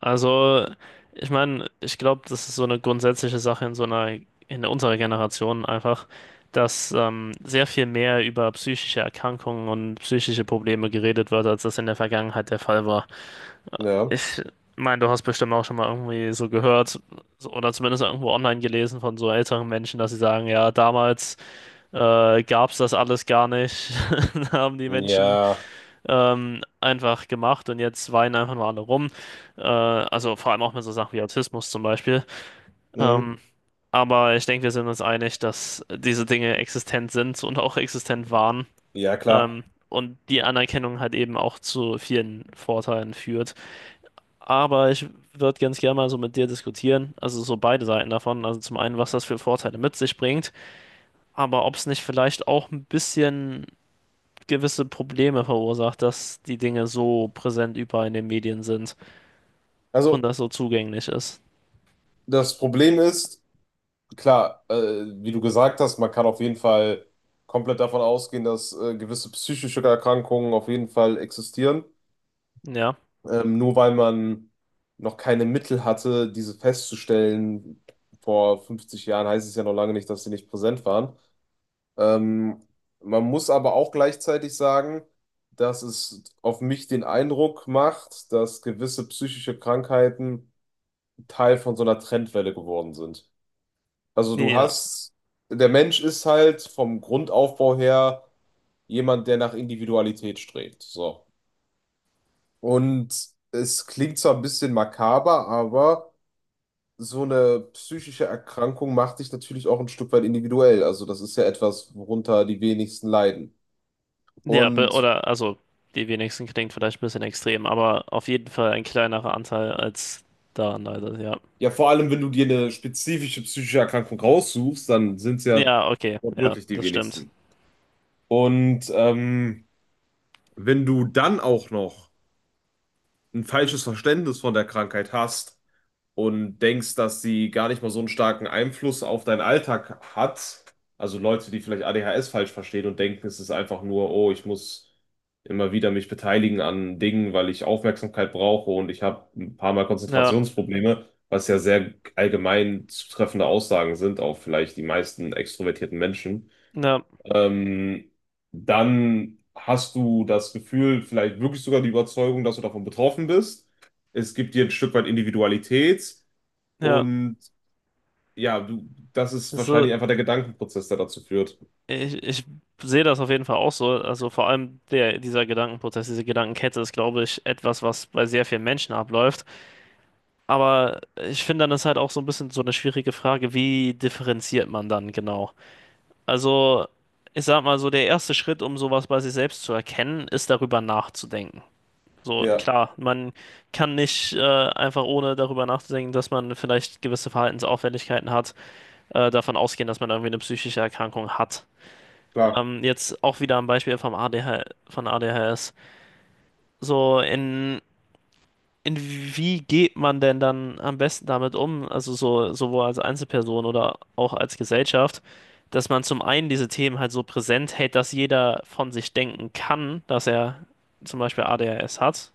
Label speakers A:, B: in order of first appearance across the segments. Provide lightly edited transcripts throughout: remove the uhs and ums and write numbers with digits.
A: Also, ich meine, ich glaube, das ist so eine grundsätzliche Sache in so einer, in unserer Generation einfach, dass sehr viel mehr über psychische Erkrankungen und psychische Probleme geredet wird, als das in der Vergangenheit der Fall war.
B: Ja,
A: Ich meine, du hast bestimmt auch schon mal irgendwie so gehört oder zumindest irgendwo online gelesen von so älteren Menschen, dass sie sagen, ja, damals gab es das alles gar nicht. Da haben die Menschen
B: ja,
A: einfach gemacht und jetzt weinen einfach nur alle rum. Also vor allem auch mit so Sachen wie Autismus zum Beispiel.
B: mhm.
A: Ähm, aber ich denke, wir sind uns einig, dass diese Dinge existent sind und auch existent waren.
B: Ja, klar.
A: Und die Anerkennung halt eben auch zu vielen Vorteilen führt. Aber ich würde ganz gerne mal so mit dir diskutieren, also so beide Seiten davon. Also zum einen, was das für Vorteile mit sich bringt, aber ob es nicht vielleicht auch ein bisschen gewisse Probleme verursacht, dass die Dinge so präsent überall in den Medien sind und
B: Also,
A: das so zugänglich ist.
B: das Problem ist, klar, wie du gesagt hast, man kann auf jeden Fall komplett davon ausgehen, dass gewisse psychische Erkrankungen auf jeden Fall existieren.
A: Ja,
B: Nur weil man noch keine Mittel hatte, diese festzustellen, vor 50 Jahren, heißt es ja noch lange nicht, dass sie nicht präsent waren. Ähm, Man muss aber auch gleichzeitig sagen, dass es auf mich den Eindruck macht, dass gewisse psychische Krankheiten Teil von so einer Trendwelle geworden sind. Also
A: nee,
B: du
A: ja,
B: hast, der Mensch ist halt vom Grundaufbau her jemand, der nach Individualität strebt. So. Und es klingt zwar ein bisschen makaber, aber so eine psychische Erkrankung macht dich natürlich auch ein Stück weit individuell. Also das ist ja etwas, worunter die wenigsten leiden.
A: nee, ja,
B: Und
A: oder also die wenigsten klingt vielleicht ein bisschen extrem, aber auf jeden Fall ein kleinerer Anteil als da leider, ja.
B: ja, vor allem, wenn du dir eine spezifische psychische Erkrankung raussuchst, dann sind es ja
A: Ja, okay, ja,
B: wortwörtlich die
A: das stimmt.
B: wenigsten. Und wenn du dann auch noch ein falsches Verständnis von der Krankheit hast und denkst, dass sie gar nicht mal so einen starken Einfluss auf deinen Alltag hat, also Leute, die vielleicht ADHS falsch verstehen und denken, es ist einfach nur, oh, ich muss immer wieder mich beteiligen an Dingen, weil ich Aufmerksamkeit brauche und ich habe ein paar Mal
A: Ja,
B: Konzentrationsprobleme, was ja sehr allgemein zutreffende Aussagen sind auf vielleicht die meisten extrovertierten Menschen.
A: ja,
B: ähm, Dann hast du das Gefühl, vielleicht wirklich sogar die Überzeugung, dass du davon betroffen bist. Es gibt dir ein Stück weit Individualität,
A: ja,
B: und ja, du, das ist
A: also
B: wahrscheinlich einfach der Gedankenprozess, der dazu führt.
A: ich sehe das auf jeden Fall auch so, also vor allem der, dieser Gedankenprozess, diese Gedankenkette ist, glaube ich, etwas, was bei sehr vielen Menschen abläuft. Aber ich finde, dann ist halt auch so ein bisschen so eine schwierige Frage, wie differenziert man dann genau? Also, ich sag mal so, der erste Schritt, um sowas bei sich selbst zu erkennen, ist darüber nachzudenken. So,
B: Ja,
A: klar, man kann nicht einfach ohne darüber nachzudenken, dass man vielleicht gewisse Verhaltensauffälligkeiten hat, davon ausgehen, dass man irgendwie eine psychische Erkrankung hat.
B: klar.
A: Jetzt auch wieder am Beispiel vom ADH, von ADHS. So, in wie geht man denn dann am besten damit um, also so, sowohl als Einzelperson oder auch als Gesellschaft, dass man zum einen diese Themen halt so präsent hält, dass jeder von sich denken kann, dass er zum Beispiel ADHS hat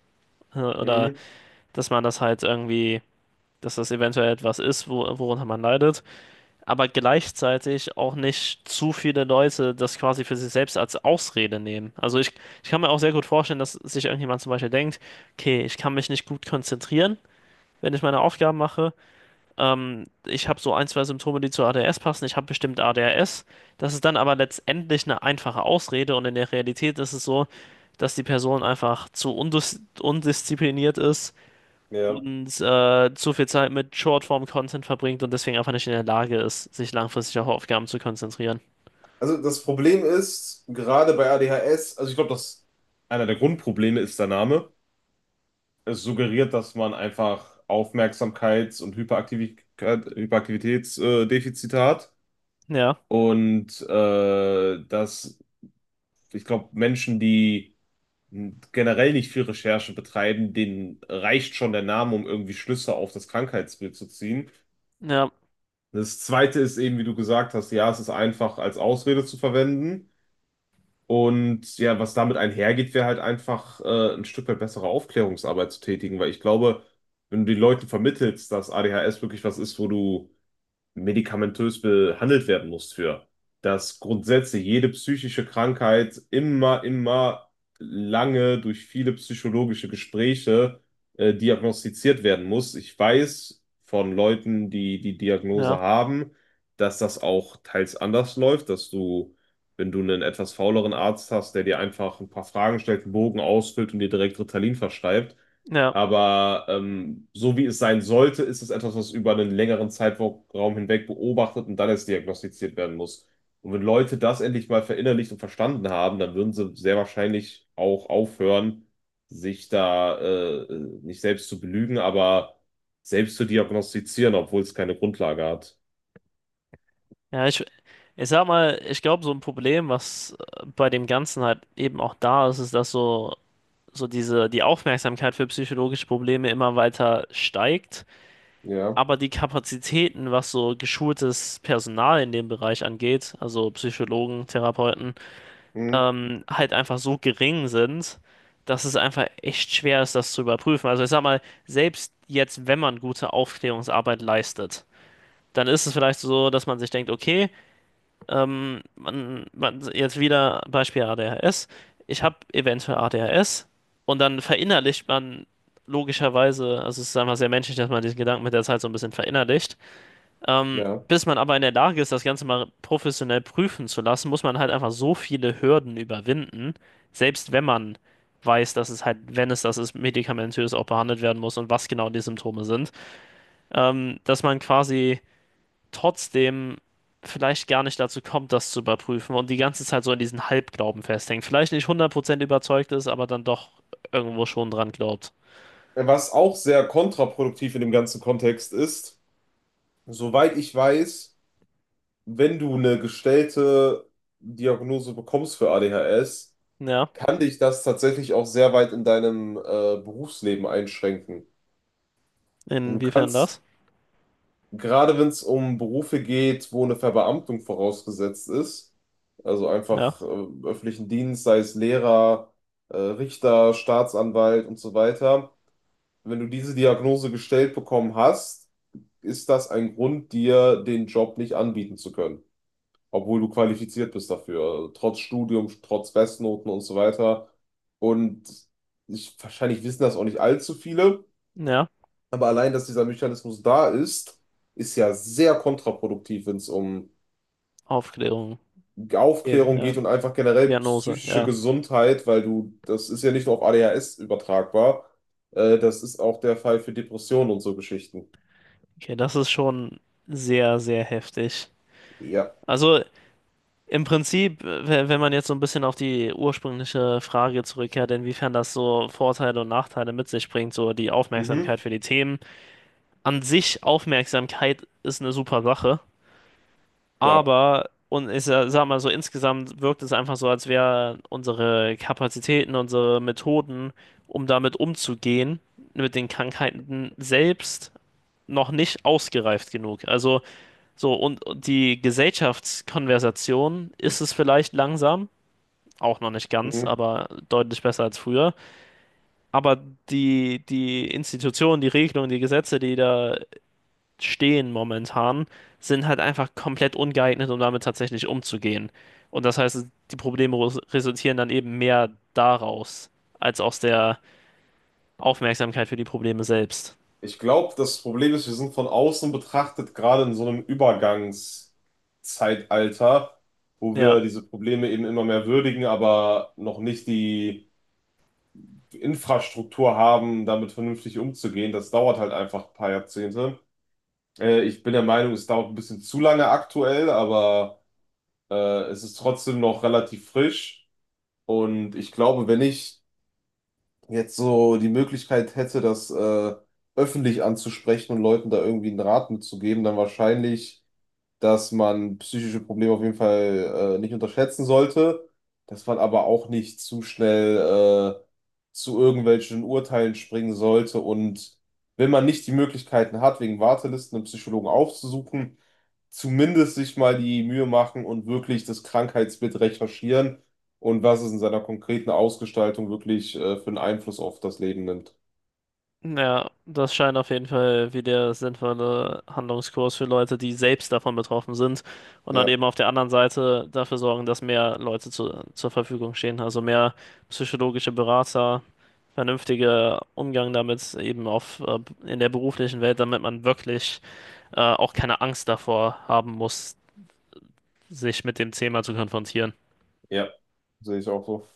A: oder
B: Mhm,
A: dass man das halt irgendwie, dass das eventuell etwas ist, wo, worunter man leidet, aber gleichzeitig auch nicht zu viele Leute das quasi für sich selbst als Ausrede nehmen. Also ich kann mir auch sehr gut vorstellen, dass sich irgendjemand zum Beispiel denkt, okay, ich kann mich nicht gut konzentrieren wenn ich meine Aufgaben mache. Ich habe so ein, zwei Symptome, die zu ADS passen. Ich habe bestimmt ADHS. Das ist dann aber letztendlich eine einfache Ausrede und in der Realität ist es so, dass die Person einfach zu undiszipliniert ist
B: ja.
A: und zu viel Zeit mit Shortform-Content verbringt und deswegen einfach nicht in der Lage ist, sich langfristig auf Aufgaben zu konzentrieren.
B: Also das Problem ist, gerade bei ADHS, also ich glaube, dass einer der Grundprobleme ist der Name. Es suggeriert, dass man einfach Aufmerksamkeits- und Hyperaktivität, Hyperaktivitätsdefizite hat.
A: Ja,
B: Und dass, ich glaube, Menschen, die generell nicht viel Recherche betreiben, denen reicht schon der Name, um irgendwie Schlüsse auf das Krankheitsbild zu ziehen.
A: ja,
B: Das Zweite ist eben, wie du gesagt hast, ja, es ist einfach als Ausrede zu verwenden. Und ja, was damit einhergeht, wäre halt einfach ein Stück weit bessere Aufklärungsarbeit zu tätigen, weil ich glaube, wenn du den Leuten vermittelst, dass ADHS wirklich was ist, wo du medikamentös behandelt werden muss für. Dass grundsätzlich jede psychische Krankheit immer lange durch viele psychologische Gespräche diagnostiziert werden muss. Ich weiß von Leuten, die die Diagnose
A: ja,
B: haben, dass das auch teils anders läuft, dass du, wenn du einen etwas fauleren Arzt hast, der dir einfach ein paar Fragen stellt, einen Bogen ausfüllt und dir direkt Ritalin verschreibt,
A: ja.
B: aber so wie es sein sollte, ist es etwas, was über einen längeren Zeitraum hinweg beobachtet und dann erst diagnostiziert werden muss. Und wenn Leute das endlich mal verinnerlicht und verstanden haben, dann würden sie sehr wahrscheinlich auch aufhören, sich da nicht selbst zu belügen, aber selbst zu diagnostizieren, obwohl es keine Grundlage hat.
A: Ja, ich sag mal, ich glaube, so ein Problem, was bei dem Ganzen halt eben auch da ist, ist, dass so diese, die Aufmerksamkeit für psychologische Probleme immer weiter steigt,
B: Ja,
A: aber die Kapazitäten, was so geschultes Personal in dem Bereich angeht, also Psychologen, Therapeuten,
B: hm,
A: halt einfach so gering sind, dass es einfach echt schwer ist, das zu überprüfen. Also ich sag mal, selbst jetzt, wenn man gute Aufklärungsarbeit leistet, dann ist es vielleicht so, dass man sich denkt, okay, jetzt wieder Beispiel ADHS. Ich habe eventuell ADHS und dann verinnerlicht man logischerweise, also es ist einfach sehr menschlich, dass man diesen Gedanken mit der Zeit so ein bisschen verinnerlicht. Ähm,
B: ja.
A: bis man aber in der Lage ist, das Ganze mal professionell prüfen zu lassen, muss man halt einfach so viele Hürden überwinden, selbst wenn man weiß, dass es halt, wenn es das ist, medikamentös auch behandelt werden muss und was genau die Symptome sind, dass man quasi trotzdem vielleicht gar nicht dazu kommt, das zu überprüfen und die ganze Zeit so in diesen Halbglauben festhängt. Vielleicht nicht 100% überzeugt ist, aber dann doch irgendwo schon dran glaubt.
B: Was auch sehr kontraproduktiv in dem ganzen Kontext ist, soweit ich weiß, wenn du eine gestellte Diagnose bekommst für ADHS,
A: Ja,
B: kann dich das tatsächlich auch sehr weit in deinem Berufsleben einschränken. Und du
A: inwiefern
B: kannst,
A: das?
B: gerade wenn es um Berufe geht, wo eine Verbeamtung vorausgesetzt ist, also
A: Ja,
B: einfach im öffentlichen Dienst, sei es Lehrer, Richter, Staatsanwalt und so weiter, wenn du diese Diagnose gestellt bekommen hast, ist das ein Grund, dir den Job nicht anbieten zu können. Obwohl du qualifiziert bist dafür, trotz Studium, trotz Bestnoten und so weiter. Und ich, wahrscheinlich wissen das auch nicht allzu viele,
A: ja,
B: aber allein, dass dieser Mechanismus da ist, ist ja sehr kontraproduktiv, wenn es um
A: Aufklärung, ja,
B: Aufklärung
A: ja,
B: geht und einfach generell
A: Diagnose,
B: psychische
A: ja.
B: Gesundheit, weil du, das ist ja nicht nur auf ADHS übertragbar, das ist auch der Fall für Depressionen und so Geschichten.
A: Okay, das ist schon sehr, sehr heftig.
B: Ja.
A: Also im Prinzip, wenn man jetzt so ein bisschen auf die ursprüngliche Frage zurückkehrt, inwiefern das so Vorteile und Nachteile mit sich bringt, so die
B: Mhm,
A: Aufmerksamkeit für die Themen an sich Aufmerksamkeit ist eine super Sache,
B: klar.
A: aber und ich sag mal so, insgesamt wirkt es einfach so, als wären unsere Kapazitäten, unsere Methoden, um damit umzugehen, mit den Krankheiten selbst noch nicht ausgereift genug. Also so und die Gesellschaftskonversation ist es vielleicht langsam. Auch noch nicht ganz,
B: Mhm.
A: aber deutlich besser als früher. Aber die Institutionen, die Regelungen, die Gesetze, die da stehen momentan, sind halt einfach komplett ungeeignet, um damit tatsächlich umzugehen. Und das heißt, die Probleme resultieren dann eben mehr daraus, als aus der Aufmerksamkeit für die Probleme selbst.
B: Ich glaube, das Problem ist, wir sind von außen betrachtet gerade in so einem Übergangszeitalter, wo
A: Ja.
B: wir diese Probleme eben immer mehr würdigen, aber noch nicht die Infrastruktur haben, damit vernünftig umzugehen. Das dauert halt einfach ein paar Jahrzehnte. Ich bin der Meinung, es dauert ein bisschen zu lange aktuell, aber es ist trotzdem noch relativ frisch. Und ich glaube, wenn ich jetzt so die Möglichkeit hätte, das öffentlich anzusprechen und Leuten da irgendwie einen Rat mitzugeben, dann wahrscheinlich, dass man psychische Probleme auf jeden Fall nicht unterschätzen sollte, dass man aber auch nicht zu schnell zu irgendwelchen Urteilen springen sollte. Und wenn man nicht die Möglichkeiten hat, wegen Wartelisten einen Psychologen aufzusuchen, zumindest sich mal die Mühe machen und wirklich das Krankheitsbild recherchieren und was es in seiner konkreten Ausgestaltung wirklich für einen Einfluss auf das Leben nimmt.
A: Ja, das scheint auf jeden Fall wie der sinnvolle Handlungskurs für Leute, die selbst davon betroffen sind und dann
B: Ja,
A: eben auf der anderen Seite dafür sorgen, dass mehr Leute zur Verfügung stehen, also mehr psychologische Berater, vernünftiger Umgang damit eben auf in der beruflichen Welt, damit man wirklich auch keine Angst davor haben muss, sich mit dem Thema zu konfrontieren.
B: ja, sehe ich auch so.